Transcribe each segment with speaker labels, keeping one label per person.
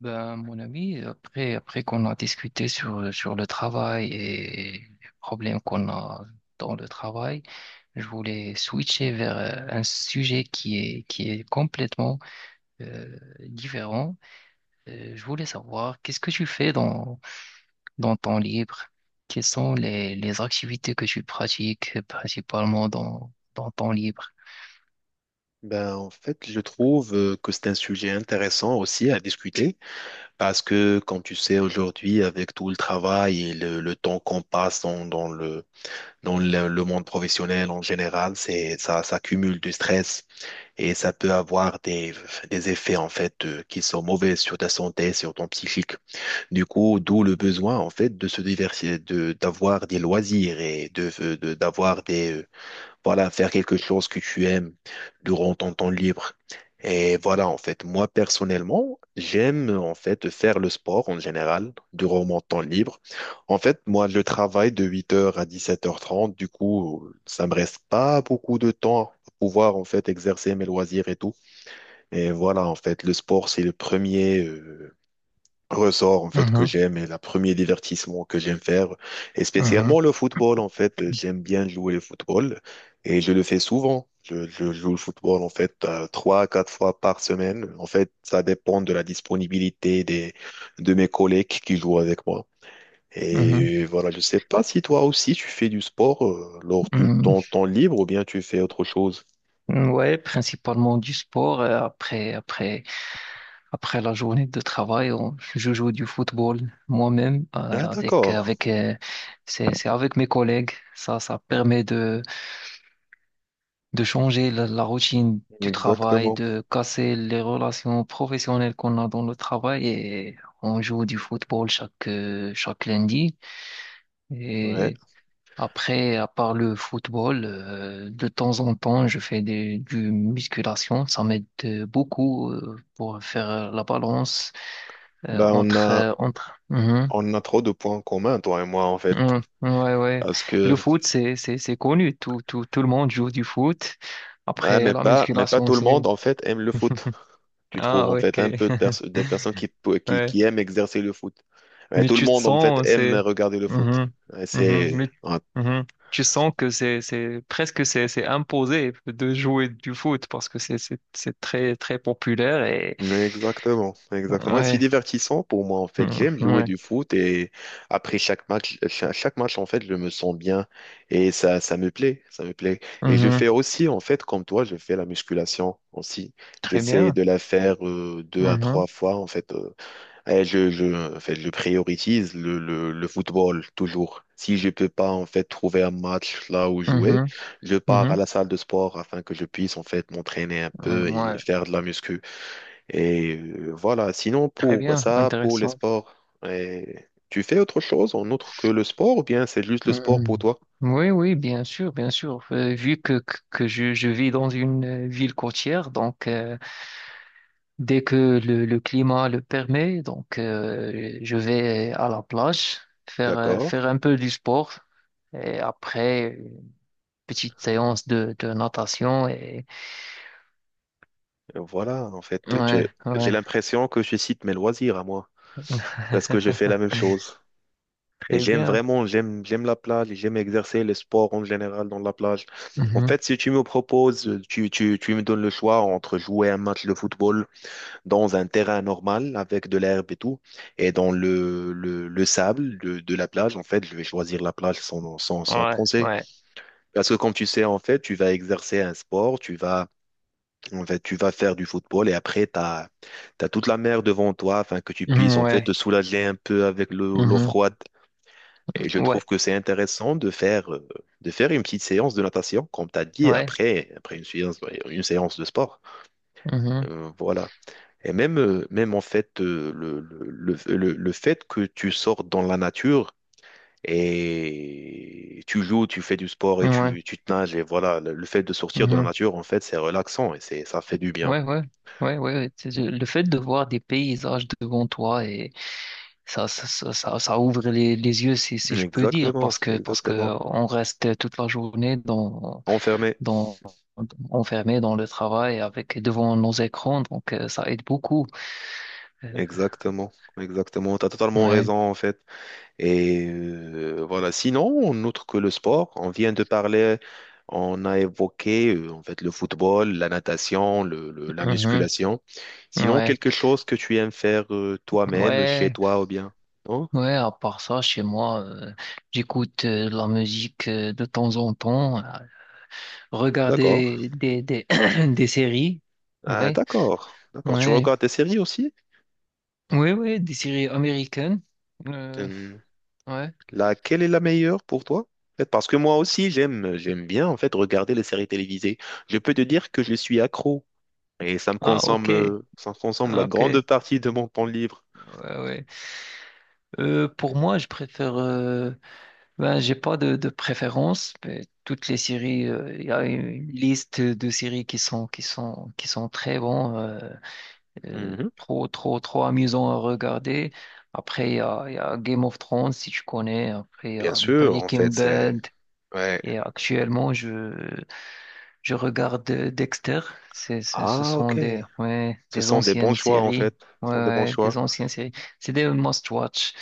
Speaker 1: Ben, mon ami, après qu'on a discuté sur le travail et les problèmes qu'on a dans le travail, je voulais switcher vers un sujet qui est complètement différent. Je voulais savoir, qu'est-ce que tu fais dans ton libre? Quelles sont les activités que tu pratiques principalement dans ton libre?
Speaker 2: Ben, en fait, je trouve que c'est un sujet intéressant aussi à discuter parce que, comme tu sais, aujourd'hui, avec tout le travail et le temps qu'on passe dans le monde professionnel en général, ça cumule du stress et ça peut avoir des effets, en fait, qui sont mauvais sur ta santé, sur ton psychique. Du coup, d'où le besoin, en fait, de se diversifier, d'avoir des loisirs et d'avoir voilà, faire quelque chose que tu aimes durant ton temps libre. Et voilà, en fait, moi personnellement, j'aime en fait faire le sport en général durant mon temps libre. En fait, moi, je travaille de 8h à 17h30, du coup, ça me reste pas beaucoup de temps pour pouvoir en fait exercer mes loisirs et tout. Et voilà, en fait, le sport, c'est le premier, ressort en fait que
Speaker 1: Mhm,
Speaker 2: j'aime et le premier divertissement que j'aime faire, et
Speaker 1: mhm.
Speaker 2: spécialement le football. En fait, j'aime bien jouer le football et je le fais souvent. Je joue le football en fait 3 à 4 fois par semaine. En fait, ça dépend de la disponibilité des de mes collègues qui jouent avec moi.
Speaker 1: Mhm,
Speaker 2: Et voilà, je sais pas si toi aussi tu fais du sport lors de ton temps libre ou bien tu fais autre chose.
Speaker 1: mhm. Ouais, principalement du sport. Après la journée de travail, je joue du football moi-même
Speaker 2: Ah,
Speaker 1: avec
Speaker 2: d'accord.
Speaker 1: avec c'est avec mes collègues. Ça permet de changer la routine du travail,
Speaker 2: Exactement.
Speaker 1: de casser les relations professionnelles qu'on a dans le travail et on joue du football chaque lundi.
Speaker 2: Ouais,
Speaker 1: Et après, à part le football, de temps en temps, je fais des du musculation. Ça m'aide beaucoup pour faire la balance. Euh,
Speaker 2: ben, on
Speaker 1: entre
Speaker 2: a,
Speaker 1: euh, entre Mhm.
Speaker 2: on a trop de points communs toi et moi, en fait.
Speaker 1: Mhm. Ouais, ouais,
Speaker 2: Parce
Speaker 1: le
Speaker 2: que,
Speaker 1: foot c'est connu. Tout le monde joue du foot.
Speaker 2: ouais,
Speaker 1: Après,
Speaker 2: mais
Speaker 1: la
Speaker 2: pas, mais pas
Speaker 1: musculation,
Speaker 2: tout le
Speaker 1: c'est
Speaker 2: monde, en fait, aime le foot. Tu trouves,
Speaker 1: ah,
Speaker 2: en
Speaker 1: ok.
Speaker 2: fait, un peu de personnes qui, pe- qui,
Speaker 1: Ouais.
Speaker 2: qui aiment exercer le foot. Ouais,
Speaker 1: mais
Speaker 2: tout le
Speaker 1: tu te
Speaker 2: monde, en fait,
Speaker 1: sens
Speaker 2: aime
Speaker 1: c'est
Speaker 2: regarder le foot.
Speaker 1: Mhm.
Speaker 2: Ouais,
Speaker 1: Mhm. Mais,
Speaker 2: ouais.
Speaker 1: Mhm, tu sens que c'est presque c'est imposé de jouer du foot parce que c'est très très populaire et
Speaker 2: Exactement, exactement. C'est
Speaker 1: ouais.
Speaker 2: divertissant pour moi, en fait.
Speaker 1: Mhm.
Speaker 2: J'aime jouer
Speaker 1: Ouais.
Speaker 2: du foot et après chaque match, chaque match, en fait, je me sens bien et ça me plaît, ça me plaît. Et je
Speaker 1: Mhm.
Speaker 2: fais aussi, en fait, comme toi, je fais la musculation aussi.
Speaker 1: Très
Speaker 2: J'essaie
Speaker 1: bien.
Speaker 2: de la faire deux à
Speaker 1: Mhm.
Speaker 2: trois fois, en fait. Eh, je, je, En fait, je priorise le football toujours. Si je peux pas en fait trouver un match là où jouer,
Speaker 1: Mhm.
Speaker 2: je pars à
Speaker 1: Mhm.
Speaker 2: la salle de sport afin que je puisse en fait m'entraîner un peu
Speaker 1: Mhm.
Speaker 2: et
Speaker 1: Ouais,
Speaker 2: faire de la muscu. Et voilà. Sinon
Speaker 1: très
Speaker 2: pour
Speaker 1: bien,
Speaker 2: ça, pour les
Speaker 1: intéressant.
Speaker 2: sports, tu fais autre chose en autre que le sport ou bien c'est juste le sport pour
Speaker 1: Mhm.
Speaker 2: toi?
Speaker 1: Oui, oui, bien sûr, bien sûr. Vu que je vis dans une ville côtière, donc dès que le climat le permet, donc je vais à la plage faire, euh,
Speaker 2: D'accord.
Speaker 1: faire un peu du sport et après une petite séance de natation et
Speaker 2: Voilà. En fait, je-
Speaker 1: ouais,
Speaker 2: j'ai
Speaker 1: ouais,
Speaker 2: l'impression que je cite mes loisirs à moi parce que je fais la même chose. Et
Speaker 1: très
Speaker 2: j'aime
Speaker 1: bien.
Speaker 2: vraiment, j'aime la plage, et j'aime exercer le sport en général dans la plage. En
Speaker 1: Mhm.
Speaker 2: fait, si tu me proposes, tu me donnes le choix entre jouer un match de football dans un terrain normal avec de l'herbe et tout, et dans le sable de la plage, en fait, je vais choisir la plage sans
Speaker 1: Ouais,
Speaker 2: penser.
Speaker 1: ouais.
Speaker 2: Parce que comme tu sais, en fait, tu vas exercer un sport, tu vas, en fait, tu vas faire du football et après, tu as toute la mer devant toi afin que tu puisses,
Speaker 1: Mhm,
Speaker 2: en fait, te
Speaker 1: ouais.
Speaker 2: soulager un peu avec l'eau
Speaker 1: Mhm.
Speaker 2: froide. Et je
Speaker 1: Ouais,
Speaker 2: trouve que c'est intéressant de faire, une petite séance de natation, comme tu as dit,
Speaker 1: ouais.
Speaker 2: après, une séance, ouais, une séance de sport.
Speaker 1: Mhm.
Speaker 2: Voilà. Et même, même en fait, le fait que tu sors dans la nature et tu joues, tu fais du sport et
Speaker 1: Ouais.
Speaker 2: tu te nages, et voilà, le fait de sortir de la
Speaker 1: Mhm.
Speaker 2: nature, en fait, c'est relaxant et ça fait du bien.
Speaker 1: Ouais, ouais, ouais, ouais. Le fait de voir des paysages devant toi et ça ouvre les yeux, si je peux dire,
Speaker 2: Exactement,
Speaker 1: parce que
Speaker 2: exactement.
Speaker 1: on reste toute la journée
Speaker 2: Enfermé.
Speaker 1: dans, enfermé dans le travail avec devant nos écrans, donc ça aide beaucoup. Euh,
Speaker 2: Exactement, exactement. Tu as totalement
Speaker 1: Ouais,
Speaker 2: raison, en fait. Et voilà. Sinon, autre que le sport, on vient de parler, on a évoqué en fait le football, la natation, la
Speaker 1: mhm,
Speaker 2: musculation. Sinon,
Speaker 1: ouais,
Speaker 2: quelque chose que tu aimes faire toi-même, chez
Speaker 1: ouais,
Speaker 2: toi ou bien? Non?
Speaker 1: ouais. À part ça, chez moi, j'écoute de la musique de temps en temps,
Speaker 2: D'accord.
Speaker 1: regarder des séries.
Speaker 2: Ah,
Speaker 1: Ouais.
Speaker 2: d'accord. D'accord. Tu
Speaker 1: Ouais.
Speaker 2: regardes des séries aussi?
Speaker 1: Oui, oui, des séries américaines. Euh,
Speaker 2: Hum,
Speaker 1: ouais.
Speaker 2: Laquelle est la meilleure pour toi? En fait, parce que moi aussi, j'aime bien en fait regarder les séries télévisées. Je peux te dire que je suis accro et
Speaker 1: Ah, ok.
Speaker 2: ça me consomme
Speaker 1: Ah,
Speaker 2: la
Speaker 1: ok.
Speaker 2: grande
Speaker 1: Ouais,
Speaker 2: partie de mon temps libre.
Speaker 1: ouais. Pour moi, je préfère. Ben, j'ai pas de préférence. Mais toutes les séries, il y a une liste de séries qui sont très bons,
Speaker 2: Mhm.
Speaker 1: trop trop trop amusants à regarder. Après, il y a Game of Thrones, si tu connais. Après, il y
Speaker 2: Bien
Speaker 1: a
Speaker 2: sûr, en
Speaker 1: Breaking
Speaker 2: fait, c'est.
Speaker 1: Bad.
Speaker 2: Ouais.
Speaker 1: Et actuellement, je regarde Dexter. Ce
Speaker 2: Ah,
Speaker 1: sont
Speaker 2: ok.
Speaker 1: des, ouais,
Speaker 2: Ce
Speaker 1: des
Speaker 2: sont des bons
Speaker 1: anciennes
Speaker 2: choix, en fait.
Speaker 1: séries. Ouais,
Speaker 2: Ce sont des bons
Speaker 1: ouais, des
Speaker 2: choix.
Speaker 1: anciennes séries. C'est des must-watch,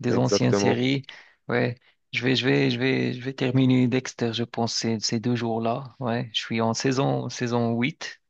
Speaker 1: des anciennes
Speaker 2: Exactement.
Speaker 1: séries. Ouais. Je vais terminer Dexter, je pense, ces deux jours-là. Ouais. Je suis en saison huit.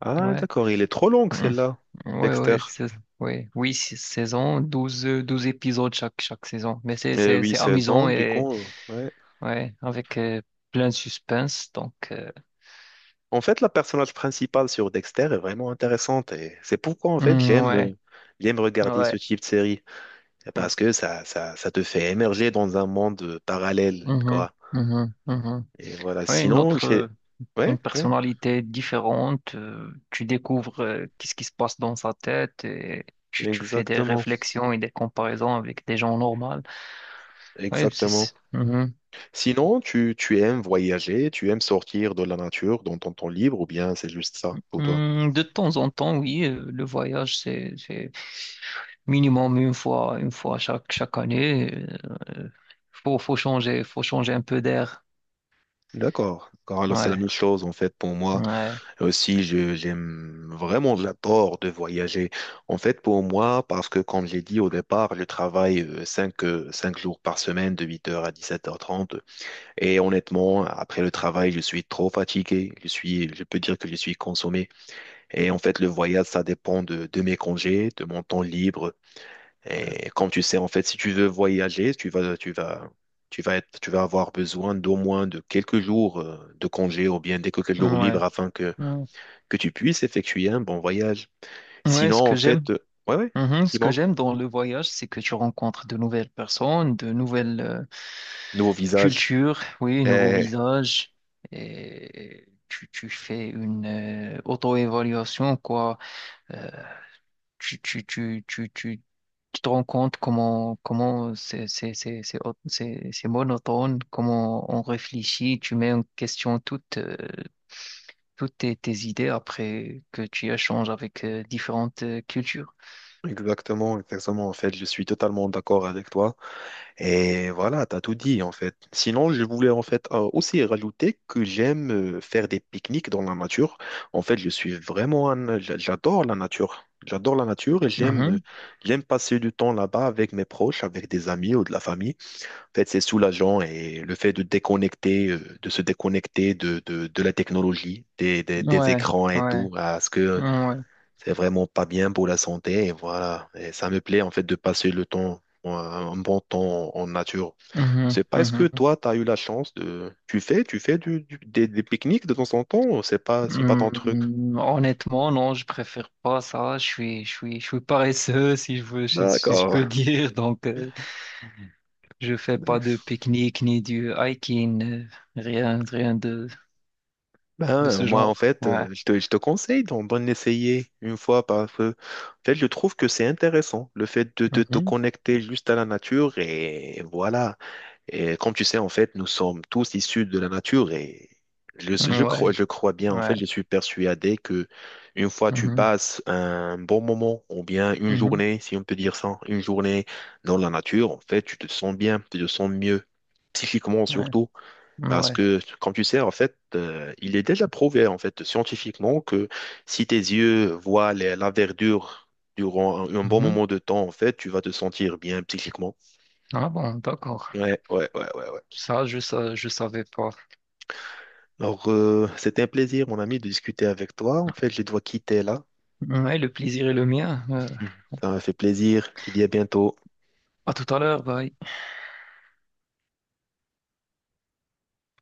Speaker 2: Ah,
Speaker 1: Ouais.
Speaker 2: d'accord. Il est trop long,
Speaker 1: Mhm.
Speaker 2: celle-là.
Speaker 1: Ouais,
Speaker 2: Dexter.
Speaker 1: ouais, ouais. Oui, c'est- saison, 12 12 épisodes chaque saison. Mais c'est,
Speaker 2: Et
Speaker 1: c'est,
Speaker 2: oui,
Speaker 1: c'est
Speaker 2: 16 ans,
Speaker 1: amusant
Speaker 2: du
Speaker 1: et,
Speaker 2: coup, ouais.
Speaker 1: ouais, avec plein de suspense. Donc,
Speaker 2: En fait, la personnage principale sur Dexter est vraiment intéressante. Et c'est pourquoi, en fait,
Speaker 1: mhm, ouais,
Speaker 2: j'aime regarder ce
Speaker 1: ouais.
Speaker 2: type de série. C'est
Speaker 1: Ouais.
Speaker 2: Parce que ça te fait émerger dans un monde parallèle,
Speaker 1: Mhm,
Speaker 2: quoi.
Speaker 1: mhm, mhm.
Speaker 2: Et voilà.
Speaker 1: Ouais,
Speaker 2: Sinon, j'ai.
Speaker 1: une
Speaker 2: Ouais, ouais.
Speaker 1: personnalité différente. Tu découvres qu'est-ce qui se passe dans sa tête et tu fais des
Speaker 2: Exactement.
Speaker 1: réflexions et des comparaisons avec des gens normaux. Ouais,
Speaker 2: Exactement.
Speaker 1: mhm.
Speaker 2: Sinon, tu aimes voyager, tu aimes sortir de la nature dans ton temps libre, ou bien c'est juste ça pour toi?
Speaker 1: Hmm, de temps en temps, oui, le voyage, c'est minimum une fois chaque année. Euh, faut changer un peu d'air.
Speaker 2: D'accord. Car Alors, c'est la
Speaker 1: Ouais,
Speaker 2: même chose en fait pour moi.
Speaker 1: ouais,
Speaker 2: Aussi, j'aime vraiment, j'adore de voyager. En fait, pour moi, parce que comme j'ai dit au départ, je travaille 5 jours par semaine de 8h à 17h30. Et honnêtement, après le travail, je suis trop fatigué. Je peux dire que je suis consommé. Et en fait, le voyage, ça dépend de mes congés, de mon temps libre. Et comme tu sais, en fait, si tu veux voyager, tu vas avoir besoin d'au moins de quelques jours de congé ou bien des quelques jours libres
Speaker 1: ouais.
Speaker 2: afin que,
Speaker 1: Ouais.
Speaker 2: que tu puisses effectuer un bon voyage.
Speaker 1: Ouais,
Speaker 2: Sinon,
Speaker 1: ce
Speaker 2: en
Speaker 1: que j'aime.
Speaker 2: fait, ouais, ouais,
Speaker 1: Mhm. Ce que
Speaker 2: dis-moi,
Speaker 1: j'aime dans le voyage, c'est que tu rencontres de nouvelles personnes, de nouvelles
Speaker 2: nouveau visage.
Speaker 1: cultures, oui, nouveaux
Speaker 2: Eh,
Speaker 1: visages, et tu fais une auto-évaluation, quoi. Euh, tu, tu, tu, tu, tu, tu te rends compte comment c'est monotone, comment on réfléchit, tu mets en question toutes tes idées après que tu échanges avec différentes cultures.
Speaker 2: Exactement, exactement. En fait, je suis totalement d'accord avec toi. Et voilà, t'as tout dit en fait. Sinon, je voulais en fait aussi rajouter que j'aime faire des pique-niques dans la nature. En fait, je suis vraiment J'adore la nature. J'adore la nature et j'aime passer du temps là-bas avec mes proches, avec des amis ou de la famille. En fait, c'est soulageant et le fait de de se déconnecter de la technologie, des
Speaker 1: Ouais,
Speaker 2: écrans et tout,
Speaker 1: ouais,
Speaker 2: parce que
Speaker 1: ouais.
Speaker 2: c'est vraiment pas bien pour la santé. Et voilà, et ça me plaît en fait de passer un bon temps en nature.
Speaker 1: Mhm,
Speaker 2: C'est pas, est-ce que
Speaker 1: mhm.
Speaker 2: toi, tu as eu la chance de. Tu fais des pique-niques de temps en temps ou c'est pas ton truc?
Speaker 1: Honnêtement, non, je préfère pas ça. Je suis paresseux, si je veux, si je peux
Speaker 2: D'accord.
Speaker 1: dire. Donc, je fais pas de pique-nique ni du hiking, rien de
Speaker 2: Ben,
Speaker 1: ce
Speaker 2: moi,
Speaker 1: genre.
Speaker 2: en fait,
Speaker 1: Ouais.
Speaker 2: je te conseille d'en essayer une fois parce que, en fait, je trouve que c'est intéressant, le fait de te
Speaker 1: Mhm.
Speaker 2: connecter juste à la nature et voilà. Et comme tu sais, en fait, nous sommes tous issus de la nature et
Speaker 1: Ouais,
Speaker 2: je crois bien, en fait,
Speaker 1: ouais.
Speaker 2: je suis persuadé que une fois tu
Speaker 1: Mhm,
Speaker 2: passes un bon moment ou bien une
Speaker 1: mhm.
Speaker 2: journée, si on peut dire ça, une journée dans la nature, en fait, tu te sens bien, tu te sens mieux, psychiquement
Speaker 1: Ouais,
Speaker 2: surtout, parce
Speaker 1: ouais.
Speaker 2: que, comme tu sais, en fait, il est déjà prouvé, en fait, scientifiquement que si tes yeux voient la verdure durant un bon
Speaker 1: Mhm.
Speaker 2: moment de temps, en fait, tu vas te sentir bien psychiquement.
Speaker 1: Ah bon, d'accord.
Speaker 2: Ouais, ouais, ouais, ouais, ouais.
Speaker 1: Ça, je savais pas.
Speaker 2: Alors, c'était un plaisir, mon ami, de discuter avec toi. En fait, je dois quitter là.
Speaker 1: Ouais, le plaisir est le mien.
Speaker 2: Mhm. Ça m'a fait plaisir. Tu dis à bientôt.
Speaker 1: À tout à l'heure, bye.